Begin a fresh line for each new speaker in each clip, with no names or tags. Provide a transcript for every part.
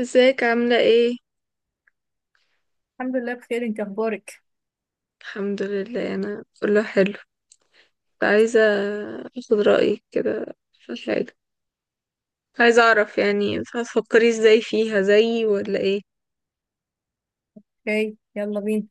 ازيك عاملة ايه؟
الحمد لله بخير، انت اخبارك؟
الحمد لله، انا كله حلو. كنت عايزة اخد رأيك كده في حاجة. عايزة اعرف، يعني انت هتفكري ازاي فيها زيي ولا ايه؟
اوكي، يلا بينا.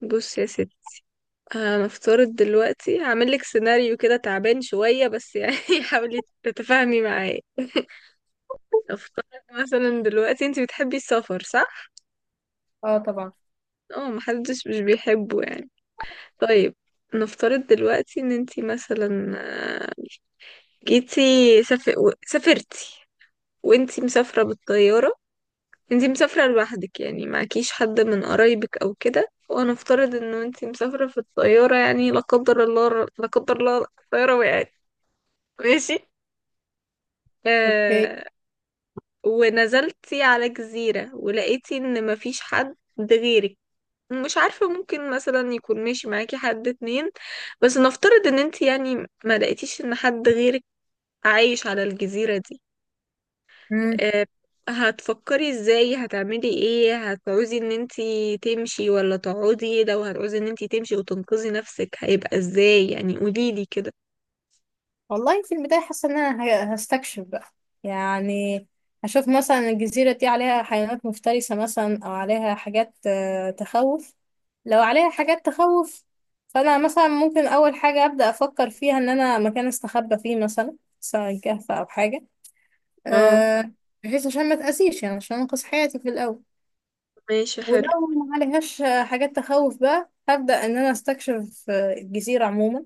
بص يا ستي. هنفترض دلوقتي هعملك سيناريو كده تعبان شوية، بس يعني حاولي تتفاهمي معايا. افترض مثلا، دلوقتي انت بتحبي السفر صح؟
اه، طبعا.
اه، محدش مش بيحبه يعني. طيب. نفترض دلوقتي ان انت مثلا آه، جيتي سافر... سافرتي، وانتي مسافرة بالطيارة. انتي مسافرة لوحدك، يعني معكيش حد من قرايبك او كده، وانا افترض انه انتي مسافرة في الطيارة، يعني لا قدر الله، لا قدر الله الطيارة وقعت. ماشي.
اوكي.
آه. ونزلتي على جزيرة ولقيتي ان مفيش حد غيرك. مش عارفة، ممكن مثلا يكون ماشي معاكي حد اتنين، بس نفترض ان انتي يعني ما لقيتيش ان حد غيرك عايش على الجزيرة دي.
امم.
آه، هتفكري ازاي؟ هتعملي ايه؟ هتعوزي ان انتي تمشي ولا تقعدي؟ لو هتعوزي ان انتي تمشي وتنقذي نفسك هيبقى ازاي؟ يعني قوليلي كده.
والله في البدايه، حاسه ان انا هستكشف بقى، يعني هشوف مثلا الجزيره دي عليها حيوانات مفترسه مثلا، او عليها حاجات تخوف. لو عليها حاجات تخوف، فانا مثلا ممكن اول حاجه ابدا افكر فيها ان انا مكان استخبى فيه، مثلا سواء كهف او حاجه،
اه،
أه بحيث عشان ما تاذيش، يعني عشان انقذ حياتي في الاول.
ماشي.
ولو
حلو.
ما عليهاش حاجات تخوف، بقى هبدأ إن أنا أستكشف الجزيرة عموما.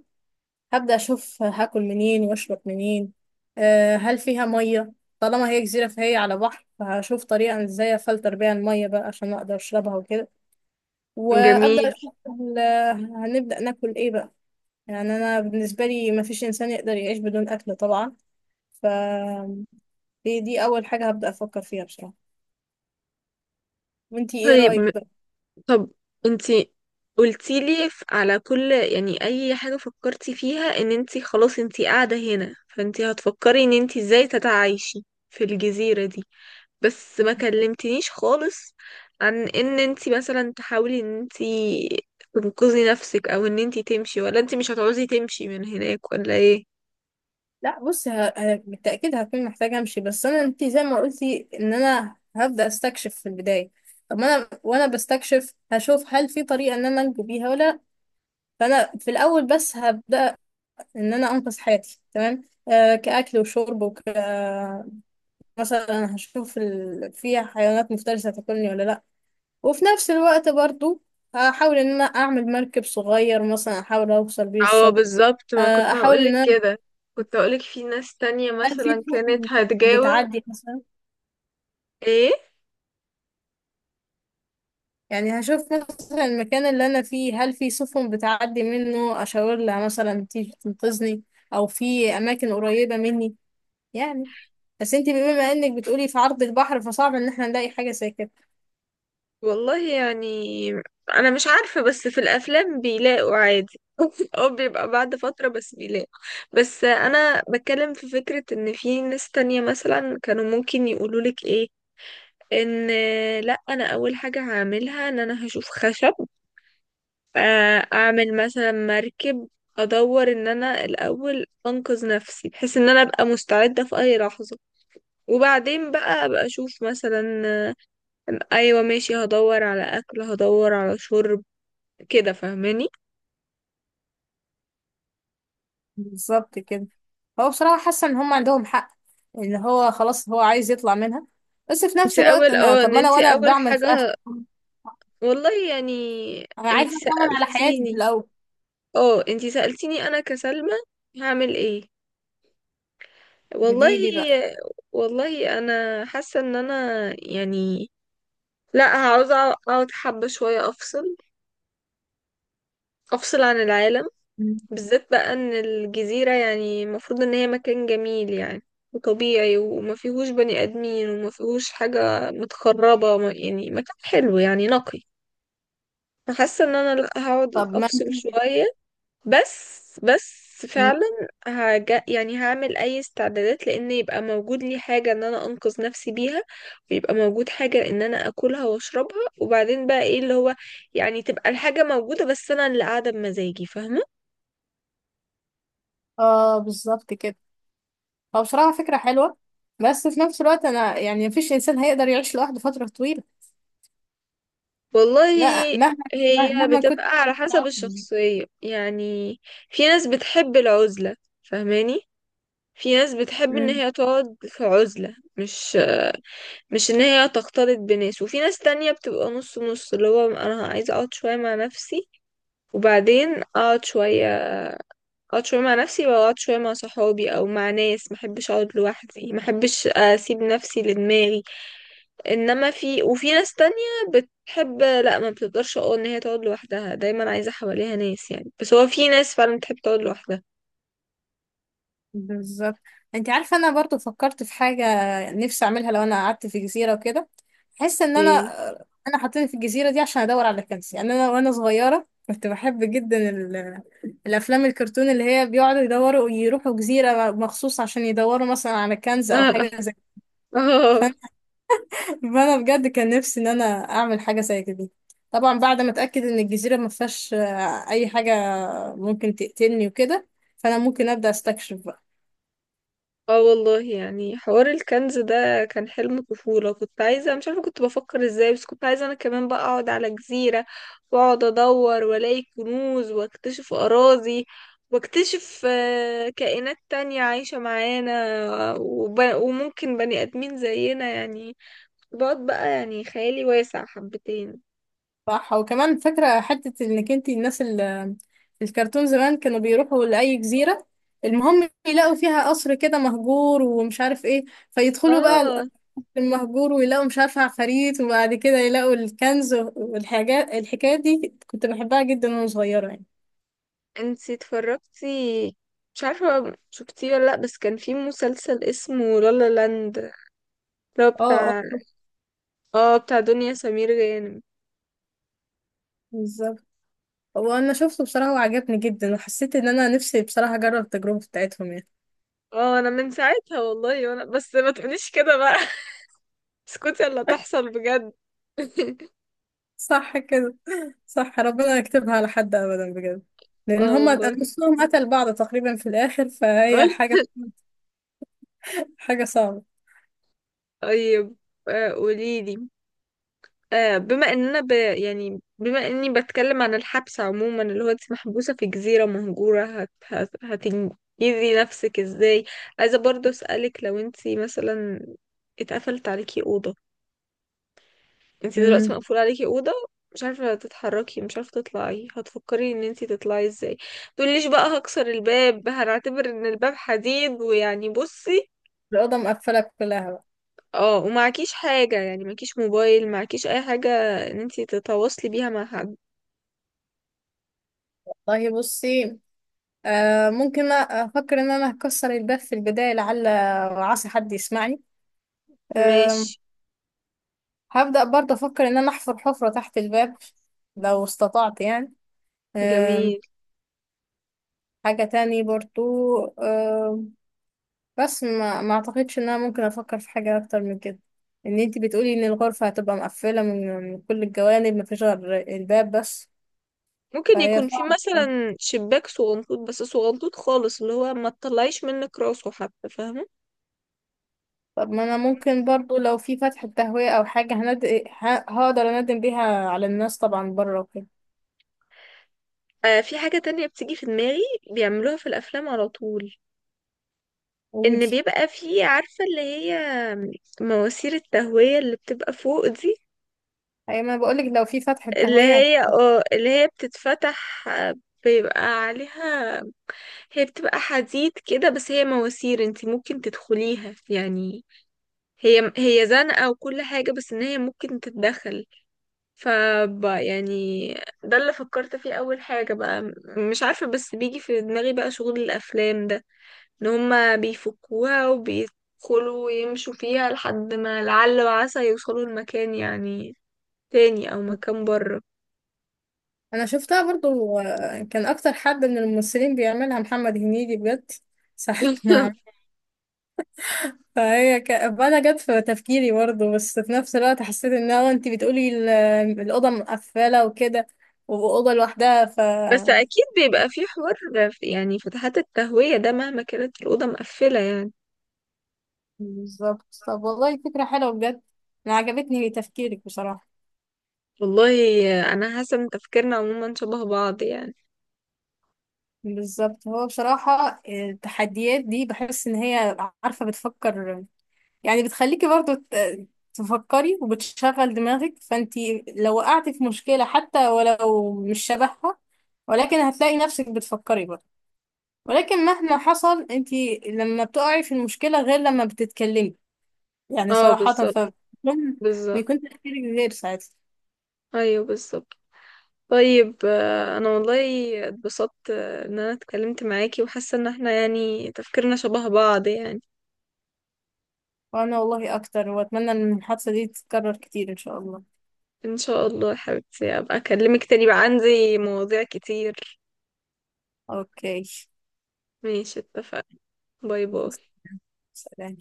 هبدأ أشوف هاكل منين وأشرب منين. هل فيها مية؟ طالما هي جزيرة فهي على بحر، فهشوف طريقة إزاي أفلتر بيها المية بقى عشان أقدر أشربها وكده. وأبدأ
جميل.
أشوف هنبدأ ناكل إيه بقى؟ يعني أنا بالنسبة لي مفيش إنسان يقدر يعيش بدون أكل طبعا. فدي دي أول حاجة هبدأ أفكر فيها بصراحة. وإنتي إيه
طيب.
رأيك بقى؟
طب انتي قلتيلي على كل، يعني اي حاجة فكرتي فيها ان انتي خلاص انتي قاعدة هنا، فانتي هتفكري ان انتي ازاي تتعايشي في الجزيرة دي. بس ما كلمتنيش خالص عن ان انتي مثلا تحاولي ان انتي تنقذي نفسك، او ان انتي تمشي، ولا انتي مش هتعوزي تمشي من هناك، ولا ايه؟
لا، بص، بالتأكيد هكون محتاجة امشي. بس انا، انت زي ما قلتي، ان انا هبدأ استكشف في البداية. طب ما انا وانا بستكشف هشوف هل في طريقة ان انا انجو بيها ولا لأ. فانا في الاول بس هبدأ ان انا انقذ حياتي، تمام. كأكل وشرب مثلا هشوف في حيوانات مفترسة تاكلني ولا لا. وفي نفس الوقت برضو، هحاول ان انا اعمل مركب صغير، مثلا احاول اوصل بيه
اه
الشط.
بالظبط، ما كنت
احاول ان
هقولك
انا.
كده. كنت هقولك في ناس تانية
هل في
مثلا كانت
سفن
هتجاوب.
بتعدي مثلا؟
ايه،
يعني هشوف مثلا المكان اللي انا فيه، هل في سفن بتعدي منه اشاور لها مثلا تيجي تنقذني، او في اماكن قريبة مني، يعني. بس انتي بما انك بتقولي في عرض البحر، فصعب ان احنا نلاقي حاجة زي كده.
والله يعني انا مش عارفة، بس في الافلام بيلاقوا عادي او بيبقى بعد فترة بس بيلاقوا. بس انا بتكلم في فكرة ان في ناس تانية مثلا كانوا ممكن يقولولك ايه. ان لا، انا اول حاجة هعملها ان انا هشوف خشب. اعمل مثلا مركب. ادور ان انا الاول انقذ نفسي، بحيث ان انا ابقى مستعدة في اي لحظة. وبعدين بقى ابقى اشوف مثلا آه، ايوه ماشي، هدور على اكل، هدور على شرب. كده فاهماني؟
بالظبط كده. هو بصراحة حاسة ان هم عندهم حق، ان هو خلاص هو عايز يطلع منها. بس في
انت
نفس الوقت
اول
انا،
اه
طب
ان
ما انا
انت
وانا
اول
بعمل خطة.
حاجة. والله يعني،
انا
انت
عايزة اطمن على حياتي في
سألتيني
الاول.
اه انت سألتيني انا كسلمى هعمل ايه؟ والله،
جديدي بقى.
والله انا حاسه ان انا يعني لا، عاوزه اقعد حبه شويه، افصل، افصل عن العالم.
مم.
بالذات بقى ان الجزيره يعني المفروض ان هي مكان جميل يعني، وطبيعي، وما فيهوش بني ادمين، وما فيهوش حاجه متخربه، يعني مكان حلو يعني نقي. فحاسه ان انا لا، هقعد
طب ما
افصل
انتي.
شويه. بس
مم.
فعلا. يعني هعمل اي استعدادات، لان يبقى موجود لي حاجة ان انا انقذ نفسي بيها. ويبقى موجود حاجة ان انا اكلها واشربها، وبعدين بقى ايه اللي هو، يعني تبقى الحاجة موجودة، بس انا اللي قاعدة بمزاجي، فاهمة؟
اه، بالظبط كده. هو بصراحة فكرة حلوة. بس في نفس الوقت أنا، يعني مفيش إنسان هيقدر يعيش لوحده فترة طويلة. ما-
والله
مهما
هي
مهما
بتبقى
كنت
على حسب
متعاقد.
الشخصية يعني. في ناس بتحب العزلة، فاهماني؟ في ناس بتحب ان
مم.
هي تقعد في عزلة، مش ان هي تختلط بناس. وفي ناس تانية بتبقى نص نص، اللي هو انا عايزة اقعد شوية مع نفسي وبعدين اقعد شوية اقعد شوية مع نفسي، واقعد شوية مع صحابي او مع ناس. محبش اقعد لوحدي، محبش اسيب نفسي لدماغي. انما وفي ناس تانية بتحب. لا، ما بتقدرش اقول ان هي تقعد لوحدها دايما، عايزة حواليها ناس يعني. بس هو في ناس فعلا بتحب تقعد لوحدها.
بالظبط. انت عارفة، أنا برضو فكرت في حاجة نفسي أعملها لو أنا قعدت في جزيرة وكده. أحس إن أنا
ايه.
أنا حاطيني في الجزيرة دي عشان أدور على كنز. يعني أنا وأنا صغيرة كنت بحب جدا الأفلام الكرتون اللي هي بيقعدوا يدوروا، يروحوا جزيرة مخصوص عشان يدوروا مثلا على كنز أو حاجة
اه.
زي
اه.
كده. فانا بجد كان نفسي ان انا اعمل حاجه زي كده. طبعا بعد ما اتاكد ان الجزيره ما فيهاش اي حاجه ممكن تقتلني وكده، فانا ممكن ابدا استكشف بقى.
اه والله يعني حوار الكنز ده كان حلم طفولة. كنت عايزة، مش عارفة كنت بفكر ازاي، بس كنت عايزة انا كمان بقى اقعد على جزيرة. واقعد ادور والاقي كنوز، واكتشف اراضي. واكتشف كائنات تانية عايشة معانا، وممكن بني ادمين زينا يعني. بقعد بقى يعني، خيالي واسع حبتين.
صح. وكمان فاكره حته انك، انت الناس اللي في الكرتون زمان كانوا بيروحوا لاي جزيره، المهم يلاقوا فيها قصر كده مهجور ومش عارف ايه، فيدخلوا بقى
اه،
القصر المهجور ويلاقوا مش عارفه عفاريت، وبعد كده يلاقوا الكنز والحاجات. الحكايه دي كنت بحبها جدا وانا صغيره، يعني.
انتي اتفرجتي، مش عارفة شفتيه ولا لأ، بس كان في مسلسل اسمه لالا لاند، اللي هو
اه، اه.
بتاع، اه بتاع دنيا سمير غانم.
بالظبط. هو انا شفته بصراحة وعجبني جدا، وحسيت ان انا نفسي بصراحة اجرب التجربة بتاعتهم، يعني.
اه، انا من ساعتها والله، وانا بس ما تقوليش كده بقى اسكتي، اللي تحصل بجد.
صح كده. صح، ربنا يكتبها على حد ابدا بجد، لان
اه
هما
والله.
نصهم قتل بعض تقريبا في الاخر، فهي حاجة حاجة صعبة.
طيب، قوليلي. بما اننا يعني بما اني بتكلم عن الحبس عموما، اللي هو انت محبوسة في جزيرة مهجورة، هتنجزي نفسك ازاي؟ عايزة برضه اسألك، لو انت مثلا اتقفلت عليكي أوضة. انتي دلوقتي
امم.
مقفول عليكي اوضه، مش عارفه تتحركي، مش عارفه تطلعي، هتفكري ان انتي تطلعي ازاي؟ تقوليش بقى هكسر الباب، هنعتبر ان الباب حديد، ويعني بصي.
الأوضة مقفلة كلها بقى؟
اه، ومعكيش حاجه، يعني معكيش موبايل، معكيش اي حاجه ان انتي تتواصلي بيها مع حد.
والله بصي، ممكن أفكر إن أنا هكسر الباب في البداية، لعل وعسى حد يسمعني. آه
ماشي.
هبدأ برضه أفكر إن أنا أحفر حفرة تحت الباب لو استطعت، يعني.
جميل.
حاجة تاني برضو، آه، بس ما اعتقدش ان انا ممكن افكر في حاجة اكتر من كده، ان انتي بتقولي ان الغرفة هتبقى مقفلة من كل الجوانب، ما فيش غير الباب بس.
ممكن
فهي
يكون في
صعبة.
مثلا شباك صغنطوط، بس صغنطوط خالص، اللي هو ما تطلعيش منك راسه حتى، فاهمه؟
طب ما انا ممكن برضو لو في فتحة تهوية او حاجة، هقدر اندم بيها على الناس طبعا بره وكده.
آه، في حاجه تانية بتيجي في دماغي، بيعملوها في الافلام على طول. ان
ودي.
بيبقى فيه، عارفة، اللي هي مواسير التهوية اللي بتبقى فوق دي.
اي، ما أنا بقولك لو في فتحة
اللي
تهوية.
هي اه اللي هي بتتفتح، بيبقى عليها، هي بتبقى حديد كده، بس هي مواسير انتي ممكن تدخليها يعني. هي زنقة وكل حاجة، بس ان هي ممكن تتدخل، ف يعني ده اللي فكرت فيه اول حاجة بقى. مش عارفة، بس بيجي في دماغي بقى شغل الافلام ده، ان هما بيفكوها وبيدخلوا يمشوا فيها لحد ما لعل وعسى يوصلوا لمكان يعني تاني، او مكان بره.
انا شفتها برضو، كان اكتر حد من الممثلين بيعملها محمد هنيدي بجد ساعة ما. فهي انا جت في تفكيري برضه، بس في نفس الوقت حسيت ان انا، انت بتقولي الاوضه مقفله وكده، واوضه لوحدها
بس اكيد بيبقى في حوار يعني فتحات التهوية ده، مهما كانت الأوضة مقفلة يعني.
بالظبط. طب والله فكره حلوه بجد، انا عجبتني تفكيرك بصراحه.
والله انا حاسة ان تفكيرنا عموما شبه بعض يعني.
بالظبط. هو بصراحه التحديات دي بحس ان هي، عارفه، بتفكر. يعني بتخليكي برضه تفكري وبتشغل دماغك، فانت لو وقعتي في مشكله، حتى ولو مش شبهها، ولكن هتلاقي نفسك بتفكري برضه. ولكن مهما حصل انت لما بتقعي في المشكلة غير لما بتتكلمي، يعني
اه
صراحة،
بالظبط. بالظبط.
بيكون تفكيرك غير ساعتها.
ايوه بالظبط. طيب، انا والله اتبسطت ان انا اتكلمت معاكي، وحاسة ان احنا يعني تفكيرنا شبه بعض يعني.
وانا والله اكتر، واتمنى ان الحادثة دي تتكرر كتير ان شاء الله.
ان شاء الله يا حبيبتي، ابقى اكلمك تاني بقى، عندي مواضيع كتير.
اوكي.
ماشي، اتفقنا. باي باي.
سلام.